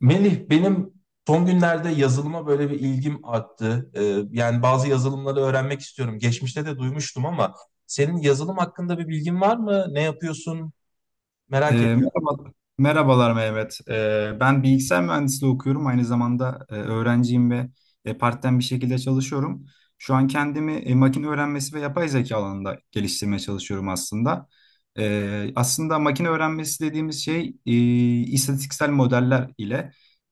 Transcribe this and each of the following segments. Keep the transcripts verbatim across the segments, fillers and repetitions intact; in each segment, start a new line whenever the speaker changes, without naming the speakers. Melih, benim son günlerde yazılıma böyle bir ilgim arttı. Ee, yani bazı yazılımları öğrenmek istiyorum. Geçmişte de duymuştum ama senin yazılım hakkında bir bilgin var mı? Ne yapıyorsun?
Ee,
Merak ediyorum.
merhaba, merhabalar Mehmet. Ee, ben bilgisayar mühendisliği okuyorum. Aynı zamanda e, öğrenciyim ve e, part-time bir şekilde çalışıyorum. Şu an kendimi e, makine öğrenmesi ve yapay zeka alanında geliştirmeye çalışıyorum aslında. Ee, aslında makine öğrenmesi dediğimiz şey e, istatistiksel modeller ile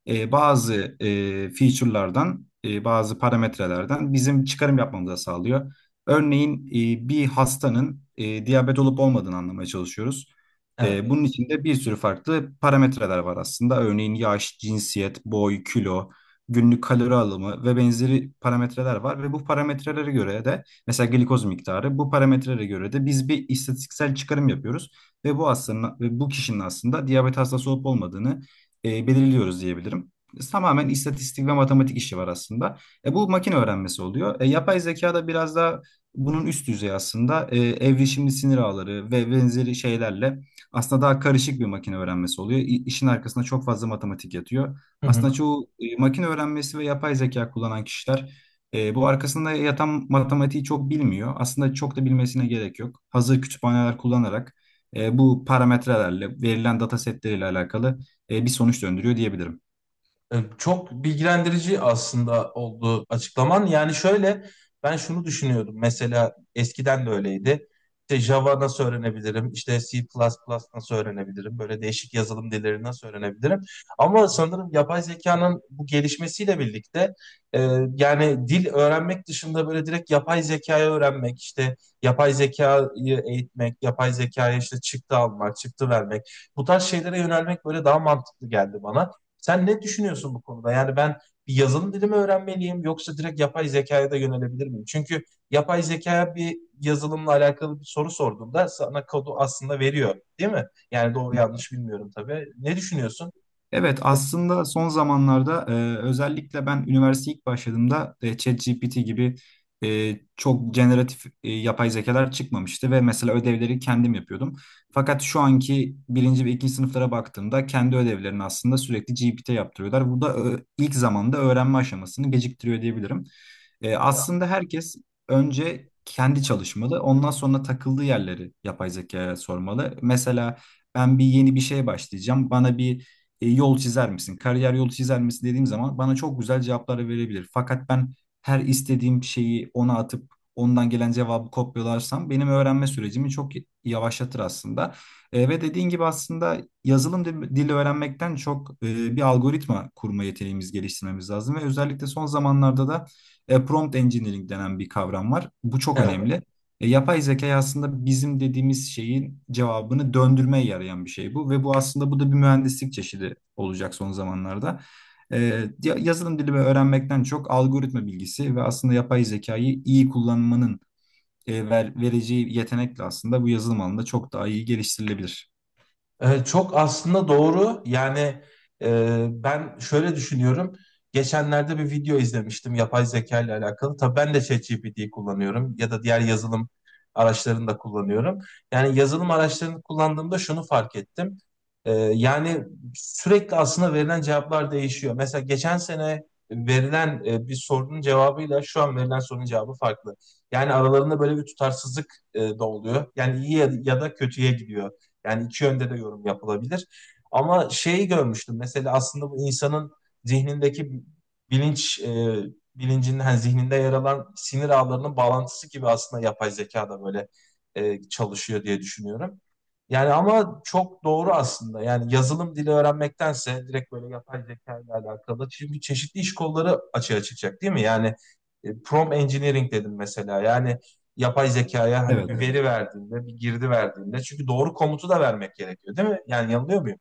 e, bazı e, feature'lardan, e, bazı parametrelerden bizim çıkarım yapmamızı sağlıyor. Örneğin e, bir hastanın e, diyabet olup olmadığını anlamaya çalışıyoruz. E,
Evet.
bunun içinde bir sürü farklı parametreler var aslında. Örneğin yaş, cinsiyet, boy, kilo, günlük kalori alımı ve benzeri parametreler var. Ve bu parametrelere göre de mesela glikoz miktarı bu parametrelere göre de biz bir istatistiksel çıkarım yapıyoruz. Ve bu aslında ve bu kişinin aslında diyabet hastası olup olmadığını e, belirliyoruz diyebilirim. Tamamen istatistik ve matematik işi var aslında. E, bu makine öğrenmesi oluyor. E, yapay zeka da biraz daha bunun üst düzeyi aslında. E, evrişimli sinir ağları ve benzeri şeylerle aslında daha karışık bir makine öğrenmesi oluyor. İ- İşin arkasında çok fazla matematik yatıyor. Aslında çoğu e, makine öğrenmesi ve yapay zeka kullanan kişiler e, bu arkasında yatan matematiği çok bilmiyor. Aslında çok da bilmesine gerek yok. Hazır kütüphaneler kullanarak e, bu parametrelerle, verilen data setleriyle alakalı e, bir sonuç döndürüyor diyebilirim.
E, Çok bilgilendirici aslında oldu açıklaman. Yani şöyle ben şunu düşünüyordum. Mesela eskiden de öyleydi. İşte Java nasıl öğrenebilirim? İşte C++ plus plus nasıl öğrenebilirim? Böyle değişik yazılım dilleri nasıl öğrenebilirim? Ama sanırım yapay zekanın bu gelişmesiyle birlikte e, yani dil öğrenmek dışında böyle direkt yapay zekayı öğrenmek, işte yapay zekayı eğitmek, yapay zekaya işte çıktı almak, çıktı vermek. Bu tarz şeylere yönelmek böyle daha mantıklı geldi bana. Sen ne düşünüyorsun bu konuda? Yani ben bir yazılım dili mi öğrenmeliyim yoksa direkt yapay zekaya da yönelebilir miyim? Çünkü yapay zekaya bir yazılımla alakalı bir soru sorduğunda sana kodu aslında veriyor, değil mi? Yani doğru yanlış bilmiyorum tabii. Ne düşünüyorsun?
Evet, aslında son zamanlarda e, özellikle ben üniversiteye ilk başladığımda e, ChatGPT gibi e, çok generatif e, yapay zekalar çıkmamıştı ve mesela ödevleri kendim yapıyordum. Fakat şu anki birinci ve ikinci sınıflara baktığımda kendi ödevlerini aslında sürekli G P T yaptırıyorlar. Bu da e, ilk zamanda öğrenme aşamasını geciktiriyor diyebilirim. E, aslında herkes önce kendi çalışmalı, ondan sonra takıldığı yerleri yapay zekaya sormalı. Mesela ben bir yeni bir şeye başlayacağım. Bana bir e, yol çizer misin? Kariyer yolu çizer misin dediğim zaman bana çok güzel cevaplar verebilir. Fakat ben her istediğim şeyi ona atıp ondan gelen cevabı kopyalarsam benim öğrenme sürecimi çok yavaşlatır aslında. E, ve dediğin gibi aslında yazılım dil- dili öğrenmekten çok e, bir algoritma kurma yeteneğimiz geliştirmemiz lazım ve özellikle son zamanlarda da e, prompt engineering denen bir kavram var. Bu çok
Evet.
önemli. E, yapay zeka aslında bizim dediğimiz şeyin cevabını döndürmeye yarayan bir şey bu ve bu aslında bu da bir mühendislik çeşidi olacak son zamanlarda. E, ya- Yazılım dili ve öğrenmekten çok algoritma bilgisi ve aslında yapay zekayı iyi kullanmanın e, ver- vereceği yetenekle aslında bu yazılım alanında çok daha iyi geliştirilebilir.
Ee, çok aslında doğru. Yani e, ben şöyle düşünüyorum. Geçenlerde bir video izlemiştim yapay zeka ile alakalı. Tabii ben de ChatGPT'yi kullanıyorum ya da diğer yazılım araçlarını da kullanıyorum. Yani yazılım araçlarını kullandığımda şunu fark ettim. Ee, yani sürekli aslında verilen cevaplar değişiyor. Mesela geçen sene verilen e, bir sorunun cevabıyla şu an verilen sorunun cevabı farklı. Yani aralarında böyle bir tutarsızlık e, da oluyor. Yani iyi ya ya da kötüye gidiyor. Yani iki yönde de yorum yapılabilir. Ama şeyi görmüştüm mesela aslında bu insanın zihnindeki bilinç e, bilincinin hani zihninde yer alan sinir ağlarının bağlantısı gibi aslında yapay zeka da böyle e, çalışıyor diye düşünüyorum. Yani ama çok doğru aslında. Yani yazılım dili öğrenmektense direkt böyle yapay zeka ile alakalı. Çünkü çeşitli iş kolları açığa çıkacak, değil mi? Yani e, prompt engineering dedim mesela. Yani yapay zekaya hani bir, evet,
Evet.
veri verdiğinde, bir girdi verdiğinde. Çünkü doğru komutu da vermek gerekiyor, değil mi? Yani yanılıyor muyum?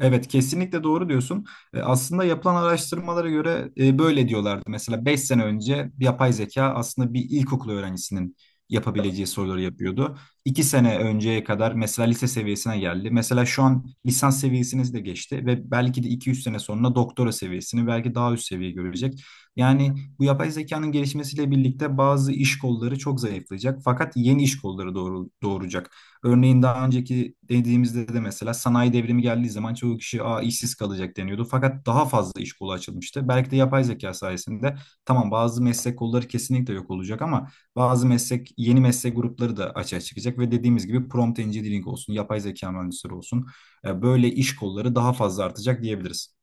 Evet, kesinlikle doğru diyorsun. E, Aslında yapılan araştırmalara göre e, böyle diyorlardı. Mesela beş sene önce yapay zeka aslında bir ilkokul öğrencisinin yapabileceği soruları yapıyordu. iki sene önceye kadar mesela lise seviyesine geldi. Mesela şu an lisans seviyesini de geçti ve belki de iki üç sene sonra doktora seviyesini belki daha üst seviye görecek. Yani bu yapay zekanın gelişmesiyle birlikte bazı iş kolları çok zayıflayacak fakat yeni iş kolları doğru, doğuracak. Örneğin daha önceki dediğimizde de mesela sanayi devrimi geldiği zaman çoğu kişi "Aa, işsiz kalacak" deniyordu. Fakat daha fazla iş kolu açılmıştı. Belki de yapay zeka sayesinde tamam bazı meslek kolları kesinlikle yok olacak ama bazı meslek yeni meslek grupları da açığa çıkacak ve dediğimiz gibi prompt engineering olsun, yapay zeka mühendisleri olsun e, böyle iş kolları daha fazla artacak diyebiliriz.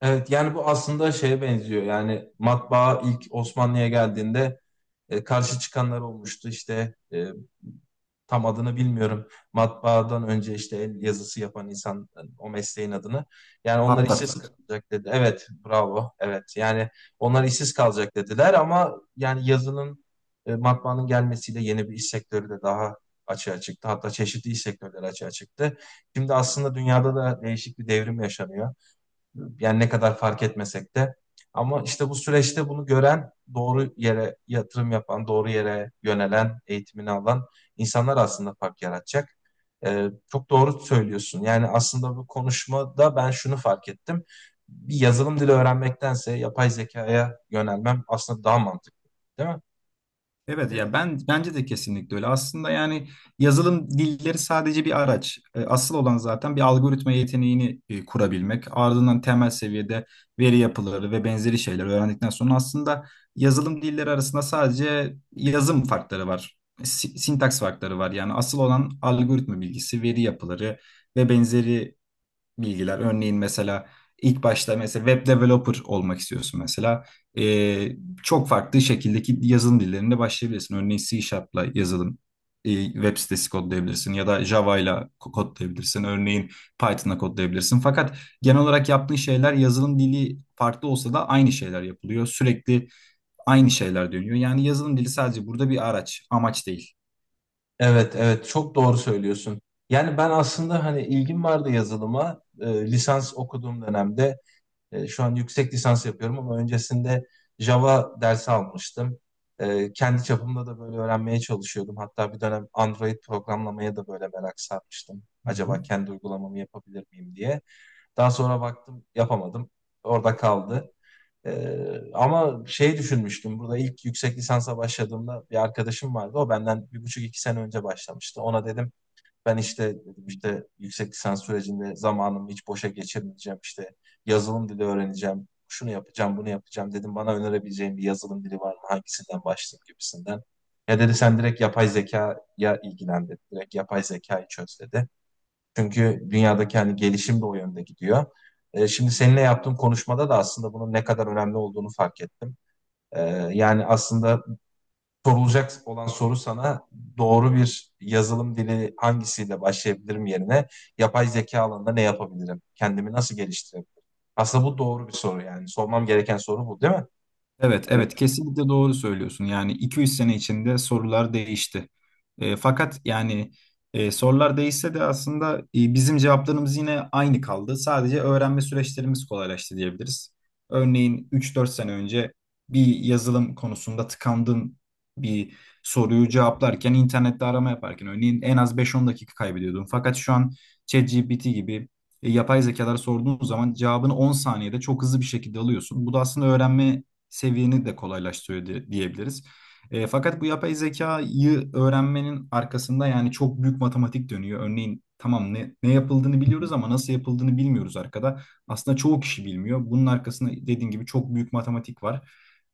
Evet, yani bu aslında şeye benziyor. Yani matbaa ilk Osmanlı'ya geldiğinde e, karşı çıkanlar olmuştu. İşte e, tam adını bilmiyorum. Matbaadan önce işte el yazısı yapan insan, o mesleğin adını. Yani onlar
Hatta.
işsiz, muhakkak, kalacak dedi. Evet, bravo. Evet. Yani onlar işsiz kalacak dediler ama yani yazının e, matbaanın gelmesiyle yeni bir iş sektörü de daha açığa çıktı. Hatta çeşitli iş sektörleri açığa çıktı. Şimdi aslında dünyada da değişik bir devrim yaşanıyor. Yani ne kadar fark etmesek de. Ama işte bu süreçte bunu gören, doğru yere yatırım yapan, doğru yere yönelen, eğitimini alan insanlar aslında fark yaratacak. Ee, çok doğru söylüyorsun. Yani aslında bu konuşmada ben şunu fark ettim. Bir yazılım dili öğrenmektense yapay zekaya yönelmem aslında daha mantıklı, değil mi?
Evet ya, ben bence de kesinlikle öyle. Aslında yani yazılım dilleri sadece bir araç. E, Asıl olan zaten bir algoritma yeteneğini e, kurabilmek. Ardından temel seviyede veri yapıları ve benzeri şeyler öğrendikten sonra aslında yazılım dilleri arasında sadece yazım farkları var. Si- Sintaks farkları var. Yani asıl olan algoritma bilgisi, veri yapıları ve benzeri bilgiler. Örneğin mesela ilk başta mesela web developer olmak istiyorsun mesela. Ee, Çok farklı şekildeki yazılım dillerinde başlayabilirsin. Örneğin C Sharp'la yazılım e, web sitesi kodlayabilirsin ya da Java ile ko- kodlayabilirsin. Örneğin Python'la kodlayabilirsin. Fakat genel olarak yaptığın şeyler yazılım dili farklı olsa da aynı şeyler yapılıyor. Sürekli aynı şeyler dönüyor. Yani yazılım dili sadece burada bir araç, amaç değil.
Evet, evet çok doğru söylüyorsun. Yani ben aslında hani ilgim vardı yazılıma. Ee, lisans okuduğum dönemde, E, şu an yüksek lisans yapıyorum ama öncesinde Java dersi almıştım. E, kendi çapımda da böyle öğrenmeye çalışıyordum. Hatta bir dönem Android programlamaya da böyle merak sarmıştım.
Hı hı.
Acaba kendi uygulamamı yapabilir miyim diye. Daha sonra baktım yapamadım. Orada kaldı. Ee, ama şey düşünmüştüm. Burada ilk yüksek lisansa başladığımda bir arkadaşım vardı. O benden bir buçuk iki sene önce başlamıştı. Ona dedim ben işte dedim işte yüksek lisans sürecinde zamanımı hiç boşa geçirmeyeceğim. İşte yazılım dili öğreneceğim. Şunu yapacağım, bunu yapacağım dedim. Bana önerebileceğin bir yazılım dili var mı? Hangisinden başlayayım gibisinden. Ya dedi sen direkt yapay zekaya ilgilen dedi. Direkt yapay zekayı çöz dedi. Çünkü dünyadaki hani gelişim de o yönde gidiyor. E, şimdi seninle yaptığım konuşmada da aslında bunun ne kadar önemli olduğunu fark ettim. E, Yani aslında sorulacak olan soru sana doğru bir yazılım dili hangisiyle başlayabilirim yerine yapay zeka alanında ne yapabilirim? Kendimi nasıl geliştirebilirim? Aslında bu doğru bir soru yani. Sormam gereken soru bu, değil mi?
Evet, evet, kesinlikle doğru söylüyorsun. Yani iki üç sene içinde sorular değişti. E, fakat yani e, sorular değişse de aslında e, bizim cevaplarımız yine aynı kaldı. Sadece öğrenme süreçlerimiz kolaylaştı diyebiliriz. Örneğin üç dört sene önce bir yazılım konusunda tıkandığın bir soruyu cevaplarken internette arama yaparken örneğin en az beş on dakika kaybediyordun. Fakat şu an ChatGPT gibi e, yapay zekalara sorduğun zaman cevabını on saniyede çok hızlı bir şekilde alıyorsun. Bu da aslında öğrenme seviyeni de kolaylaştırıyor diye- diyebiliriz. E, fakat bu yapay zekayı öğrenmenin arkasında yani çok büyük matematik dönüyor. Örneğin tamam ne, ne yapıldığını biliyoruz ama nasıl yapıldığını bilmiyoruz arkada. Aslında çoğu kişi bilmiyor. Bunun arkasında dediğim gibi çok büyük matematik var.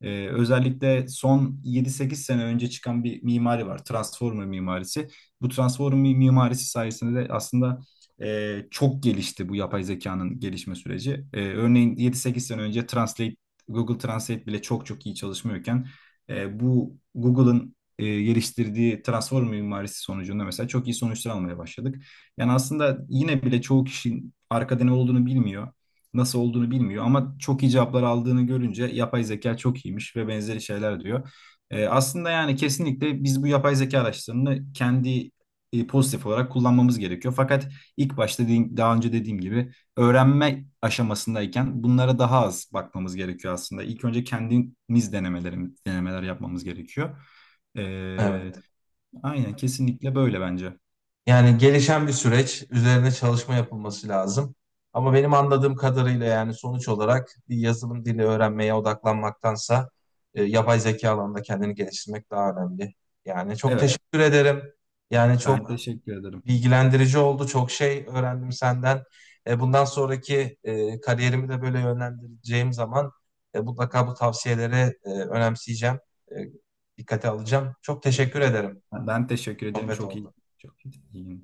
E, özellikle son yedi sekiz sene önce çıkan bir mimari var. Transformer mimarisi. Bu Transformer mimarisi sayesinde de aslında e, çok gelişti bu yapay zekanın gelişme süreci. E, örneğin yedi sekiz sene önce Translate Google Translate bile çok çok iyi çalışmıyorken e, bu Google'ın e, geliştirdiği transform mimarisi sonucunda mesela çok iyi sonuçlar almaya başladık. Yani aslında yine bile çoğu kişinin arkada ne olduğunu bilmiyor, nasıl olduğunu bilmiyor ama çok iyi cevaplar aldığını görünce yapay zeka çok iyiymiş ve benzeri şeyler diyor. E, aslında yani kesinlikle biz bu yapay zeka araçlarını kendi e, pozitif olarak kullanmamız gerekiyor. Fakat ilk başta dediğim- daha önce dediğim gibi öğrenme aşamasındayken bunlara daha az bakmamız gerekiyor aslında. İlk önce kendimiz denemelerimiz, denemeler yapmamız gerekiyor. Ee,
Evet.
aynen kesinlikle böyle bence.
Yani gelişen bir süreç, üzerine çalışma yapılması lazım. Ama benim anladığım kadarıyla yani sonuç olarak bir yazılım dili öğrenmeye odaklanmaktansa e, yapay zeka alanında kendini geliştirmek daha önemli. Yani çok
Evet,
teşekkür ederim. Yani
ben
çok
teşekkür ederim.
bilgilendirici oldu. Çok şey öğrendim senden. E, bundan sonraki e, kariyerimi de böyle yönlendireceğim zaman e, mutlaka bu tavsiyeleri e, önemseyeceğim. E, Dikkate alacağım. Çok
Tabii
teşekkür
ben,
ederim.
ben teşekkür ederim.
Sohbet
Çok iyi.
oldu.
Çok iyi.